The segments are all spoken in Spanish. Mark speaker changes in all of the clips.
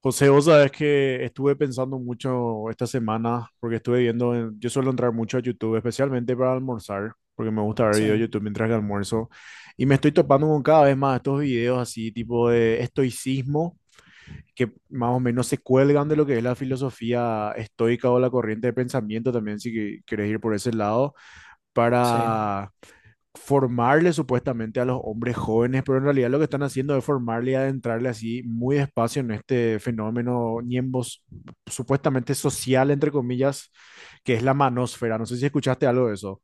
Speaker 1: José, vos sabés que estuve pensando mucho esta semana porque estuve viendo, yo suelo entrar mucho a YouTube, especialmente para almorzar, porque me gusta ver
Speaker 2: Sí,
Speaker 1: videos de YouTube mientras que almuerzo, y me estoy topando con cada vez más estos videos así, tipo de estoicismo, que más o menos se cuelgan de lo que es la filosofía estoica o la corriente de pensamiento también, si querés ir por ese lado,
Speaker 2: sí.
Speaker 1: para formarle supuestamente a los hombres jóvenes, pero en realidad lo que están haciendo es formarle y adentrarle así muy despacio en este fenómeno ñembos supuestamente social, entre comillas, que es la manósfera. ¿No sé si escuchaste algo de eso?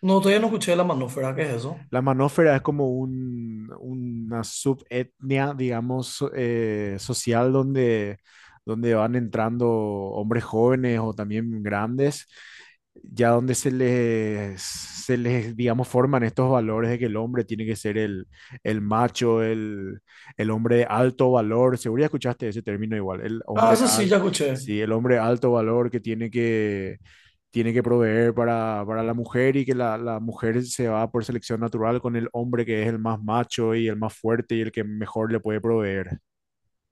Speaker 2: No, todavía no escuché la manúfera, ¿qué es eso?
Speaker 1: La manófera es como una subetnia, digamos, social donde, donde van entrando hombres jóvenes o también grandes, ya donde se les, digamos, forman estos valores de que el hombre tiene que ser el macho, el hombre de alto valor. Seguro ya escuchaste ese término igual, el
Speaker 2: Ah,
Speaker 1: hombre
Speaker 2: eso sí,
Speaker 1: al,
Speaker 2: ya escuché.
Speaker 1: sí, el hombre de alto valor que tiene que proveer para la mujer y que la mujer se va por selección natural con el hombre que es el más macho y el más fuerte y el que mejor le puede proveer.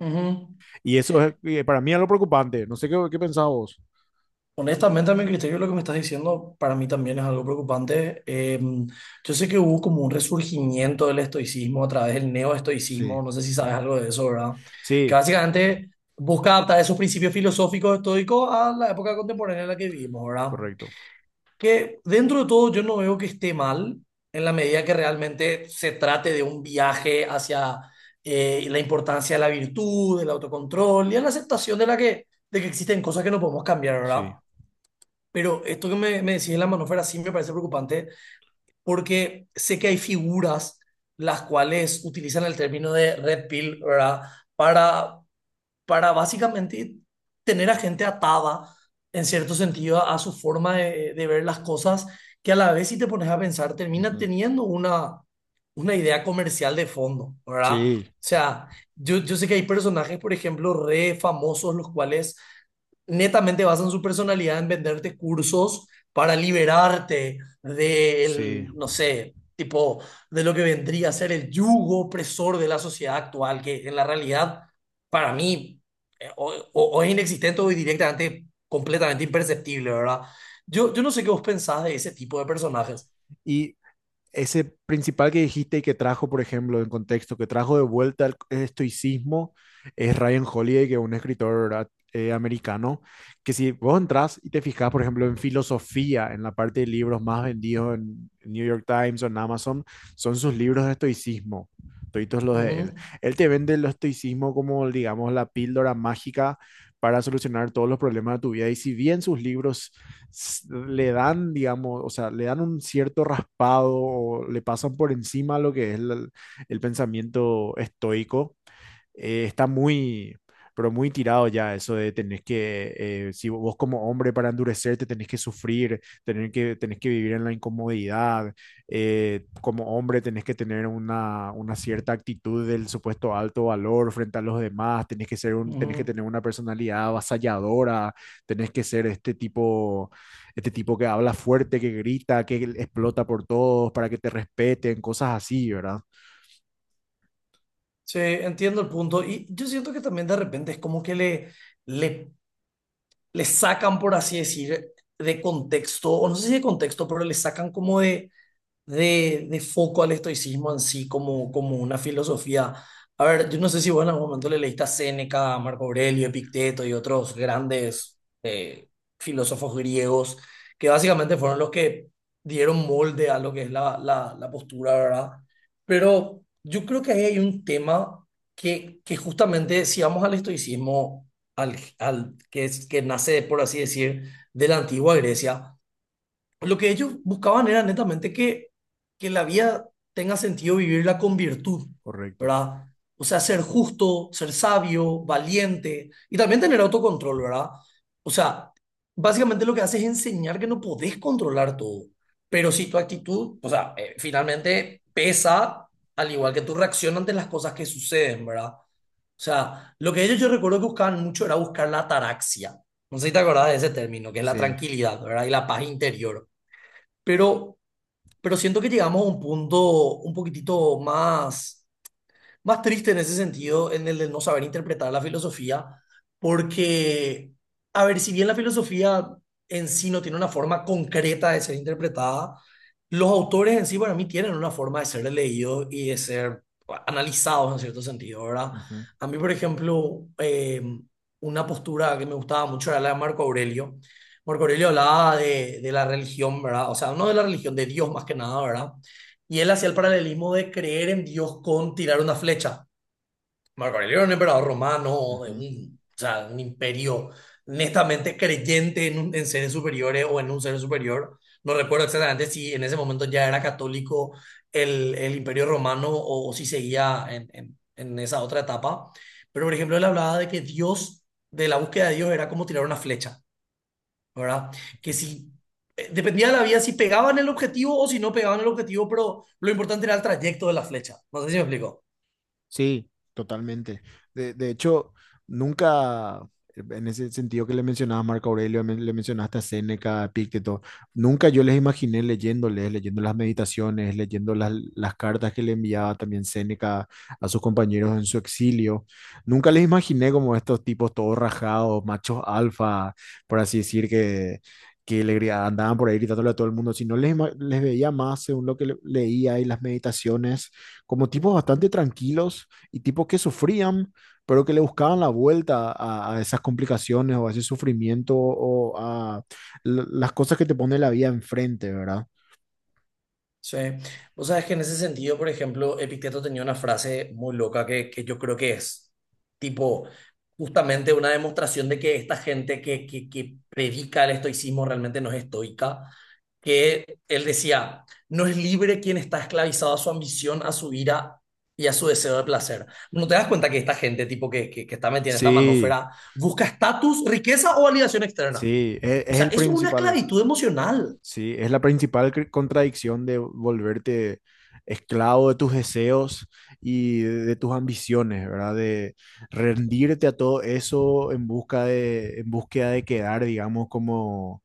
Speaker 2: Ujú.
Speaker 1: Y eso es, para mí es lo preocupante. No sé qué pensás vos.
Speaker 2: Honestamente, a mi criterio, lo que me estás diciendo para mí también es algo preocupante. Yo sé que hubo como un resurgimiento del estoicismo a través del
Speaker 1: Sí,
Speaker 2: neoestoicismo, no sé si sabes algo de eso, ¿verdad? Que
Speaker 1: sí,
Speaker 2: básicamente busca adaptar esos principios filosóficos estoicos a la época contemporánea en la que vivimos, ¿verdad?
Speaker 1: correcto.
Speaker 2: Que dentro de todo yo no veo que esté mal en la medida que realmente se trate de un viaje hacia la importancia de la virtud, del autocontrol y a la aceptación de que existen cosas que no podemos cambiar, ¿verdad?
Speaker 1: Sí.
Speaker 2: Pero esto que me decís de la manósfera sí me parece preocupante porque sé que hay figuras las cuales utilizan el término de red pill, ¿verdad? Para para básicamente tener a gente atada, en cierto sentido, a su forma de ver las cosas, que a la vez si te pones a pensar, termina
Speaker 1: Ujú.
Speaker 2: teniendo una idea comercial de fondo, ¿verdad? O
Speaker 1: Sí,
Speaker 2: sea, yo sé que hay personajes, por ejemplo, re famosos, los cuales netamente basan su personalidad en venderte cursos para liberarte
Speaker 1: sí.
Speaker 2: del, no sé, tipo, de lo que vendría a ser el yugo opresor de la sociedad actual, que en la realidad para mí, o es inexistente o es directamente completamente imperceptible, ¿verdad? Yo no sé qué vos pensás de ese tipo de personajes.
Speaker 1: Y ese principal que dijiste y que trajo, por ejemplo, en contexto, que trajo de vuelta el estoicismo, es Ryan Holiday, que es un escritor americano, que si vos entras y te fijas, por ejemplo, en filosofía, en la parte de libros más vendidos en New York Times o en Amazon, son sus libros de estoicismo, toditos los de
Speaker 2: Ujú,
Speaker 1: él. Él te vende el estoicismo como, digamos, la píldora mágica para solucionar todos los problemas de tu vida. Y si bien sus libros le dan, digamos, o sea, le dan un cierto raspado o le pasan por encima lo que es el pensamiento estoico está pero muy tirado ya eso de tenés si vos como hombre para endurecerte tenés que sufrir, tenés que vivir en la incomodidad, como hombre tenés que tener una cierta actitud del supuesto alto valor frente a los demás, tenés que ser tenés que
Speaker 2: ujú.
Speaker 1: tener una personalidad avasalladora, tenés que ser este tipo que habla fuerte, que grita, que explota por todos para que te respeten, cosas así, ¿verdad?
Speaker 2: Sí, entiendo el punto. Y yo siento que también de repente es como que le, le sacan, por así decir, de contexto, o no sé si de contexto, pero le sacan como de foco al estoicismo en sí como una filosofía. A ver, yo no sé si vos en algún momento le leíste a Séneca, a Marco Aurelio, Epicteto y otros grandes eh, filósofos griegos, que básicamente fueron los que dieron molde a lo que es la postura, ¿verdad? Pero yo creo que ahí hay un tema que justamente si vamos al estoicismo, que nace, por así decir, de la antigua Grecia, lo que ellos buscaban era netamente que la vida tenga sentido vivirla con virtud,
Speaker 1: Correcto.
Speaker 2: ¿verdad? O sea, ser justo, ser sabio, valiente y también tener autocontrol, ¿verdad? O sea, básicamente lo que hace es enseñar que no podés controlar todo, pero si tu actitud, o sea, finalmente pesa al igual que tu reacción ante las cosas que suceden, ¿verdad? O sea, lo que ellos yo recuerdo que buscaban mucho era buscar la ataraxia. No sé si te acordás de ese término, que es la
Speaker 1: Sí.
Speaker 2: tranquilidad, ¿verdad? Y la paz interior, pero, pero siento que llegamos a un punto un poquitito más triste en ese sentido, en el de no saber interpretar la filosofía, porque, a ver, si bien la filosofía en sí no tiene una forma concreta de ser interpretada, los autores en sí para mí tienen una forma de ser leídos y de ser analizados en cierto sentido, ¿verdad?
Speaker 1: Ujú.
Speaker 2: A mí, por ejemplo, una postura que me gustaba mucho era la de Marco Aurelio. Marco Aurelio hablaba de la religión, ¿verdad? O sea, no de la religión, de Dios más que nada, ¿verdad? Y él hacía el paralelismo de creer en Dios con tirar una flecha. Marco Aurelio era un emperador romano, de
Speaker 1: Ujú,
Speaker 2: o sea, un imperio netamente creyente en seres superiores o en un ser superior. No recuerdo exactamente si en ese momento ya era católico el imperio romano, o si seguía en esa otra etapa. Pero, por ejemplo, él hablaba de que Dios, de la búsqueda de Dios, era como tirar una flecha. ¿Verdad? Que
Speaker 1: ok.
Speaker 2: si dependía de la vía si pegaban el objetivo o si no pegaban el objetivo, pero lo importante era el trayecto de la flecha. No sé si me explico.
Speaker 1: Sí, totalmente. De hecho, nunca, en ese sentido que le mencionabas a Marco Aurelio, le mencionaste a Séneca, a Epicteto, nunca yo les imaginé leyéndoles, leyendo las meditaciones, leyendo las cartas que le enviaba también Séneca a sus compañeros en su exilio. Nunca les imaginé como estos tipos todos rajados, machos alfa, por así decir, que andaban por ahí gritándole a todo el mundo, sino les veía más según lo que leía y las meditaciones, como tipos bastante tranquilos y tipos que sufrían, pero que le buscaban la vuelta a esas complicaciones o a ese sufrimiento o a las cosas que te pone la vida enfrente, ¿verdad?
Speaker 2: Sí, vos sabes que en ese sentido, por ejemplo, Epicteto tenía una frase muy loca que yo creo que es tipo justamente una demostración de que esta gente que predica el estoicismo realmente no es estoica, que él decía, no es libre quien está esclavizado a su ambición, a su ira y a su deseo de placer. ¿No te das cuenta que esta gente tipo que está metida en esta
Speaker 1: Sí,
Speaker 2: manósfera busca estatus, riqueza o validación externa?
Speaker 1: sí,
Speaker 2: O
Speaker 1: es
Speaker 2: sea,
Speaker 1: el
Speaker 2: es una
Speaker 1: principal,
Speaker 2: esclavitud emocional.
Speaker 1: sí, es la principal contradicción de volverte esclavo de tus deseos y de tus ambiciones, ¿verdad? De rendirte a todo eso en busca de, en búsqueda de quedar, digamos, como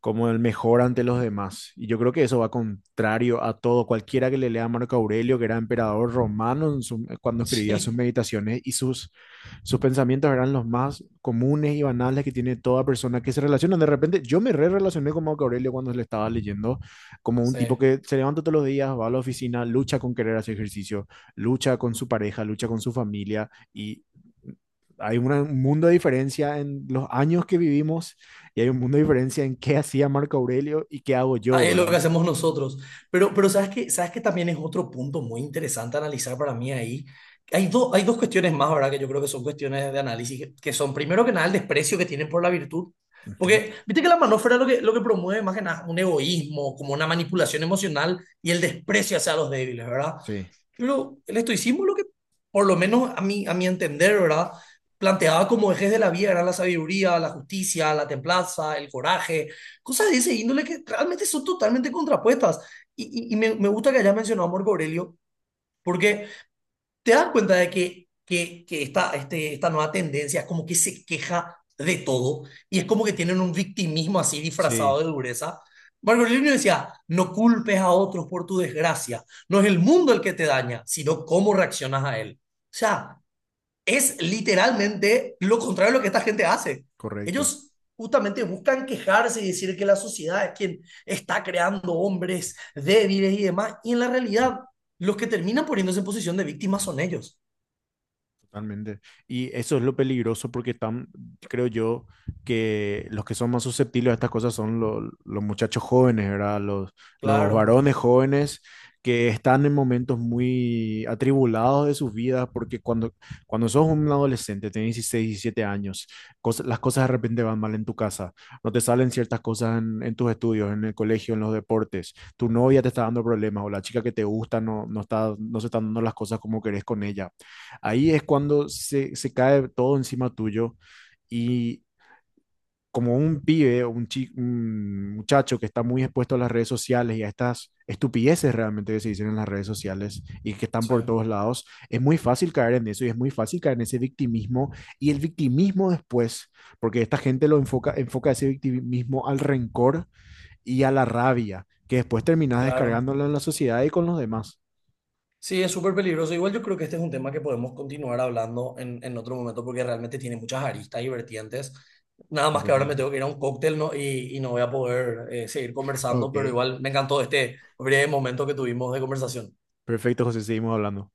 Speaker 1: como el mejor ante los demás. Y yo creo que eso va contrario a todo. Cualquiera que le lea a Marco Aurelio, que era emperador romano en su, cuando escribía sus
Speaker 2: Sí.
Speaker 1: meditaciones y sus pensamientos eran los más comunes y banales que tiene toda persona que se relaciona. De repente, yo me re relacioné con Marco Aurelio cuando le estaba leyendo, como un tipo
Speaker 2: Sí.
Speaker 1: que se levanta todos los días, va a la oficina, lucha con querer hacer ejercicio, lucha con su pareja, lucha con su familia y hay un mundo de diferencia en los años que vivimos y hay un mundo de diferencia en qué hacía Marco Aurelio y qué hago
Speaker 2: Ah,
Speaker 1: yo,
Speaker 2: es lo
Speaker 1: ¿verdad?
Speaker 2: que hacemos nosotros. Pero ¿Sabes que también es otro punto muy interesante a analizar para mí ahí? Hay dos cuestiones más, ¿verdad? Que yo creo que son cuestiones de análisis, que son, primero que nada, el desprecio que tienen por la virtud.
Speaker 1: Ujú.
Speaker 2: Porque, viste que la manósfera lo que promueve más que nada un egoísmo, como una manipulación emocional y el desprecio hacia los débiles, ¿verdad?
Speaker 1: Sí,
Speaker 2: Pero el estoicismo lo que, por lo menos a mí, a mi entender, ¿verdad? Planteaba como ejes de la vida, era la sabiduría, la justicia, la templanza, el coraje. Cosas de ese índole que realmente son totalmente contrapuestas. Y me gusta que hayas mencionado a Marco Aurelio, porque te das cuenta de que esta nueva tendencia es como que se queja de todo y es como que tienen un victimismo así
Speaker 1: sí,
Speaker 2: disfrazado de dureza. Marco Aurelio decía, no culpes a otros por tu desgracia, no es el mundo el que te daña, sino cómo reaccionas a él. O sea, es literalmente lo contrario a lo que esta gente hace.
Speaker 1: correcto.
Speaker 2: Ellos justamente buscan quejarse y decir que la sociedad es quien está creando hombres débiles y demás, y en la realidad los que terminan poniéndose en posición de víctimas son ellos.
Speaker 1: Totalmente. Y eso es lo peligroso porque están, creo yo, que los que son más susceptibles a estas cosas son los muchachos jóvenes, ¿verdad? Los
Speaker 2: Claro,
Speaker 1: varones jóvenes que están en momentos muy atribulados de sus vidas porque cuando, cuando sos un adolescente, tenés 16, 17 años, las cosas de repente van mal en tu casa, no te salen ciertas cosas en tus estudios, en el colegio, en los deportes, tu novia te está dando problemas o la chica que te gusta no está, no se están dando las cosas como querés con ella. Ahí es cuando se cae todo encima tuyo y como un pibe o un muchacho que está muy expuesto a las redes sociales y a estas estupideces realmente que se dicen en las redes sociales y que están
Speaker 2: sí,
Speaker 1: por todos lados, es muy fácil caer en eso y es muy fácil caer en ese victimismo y el victimismo después, porque esta gente lo enfoca, enfoca ese victimismo al rencor y a la rabia, que después terminas
Speaker 2: claro.
Speaker 1: descargándolo en la sociedad y con los demás
Speaker 2: Sí, es súper peligroso. Igual yo creo que este es un tema que podemos continuar hablando en otro momento porque realmente tiene muchas aristas y vertientes. Nada más que ahora me
Speaker 1: completamente.
Speaker 2: tengo que ir a un cóctel, ¿no? Y no voy a poder seguir conversando, pero
Speaker 1: Ok.
Speaker 2: igual me encantó este breve momento que tuvimos de conversación.
Speaker 1: Perfecto, José, seguimos hablando.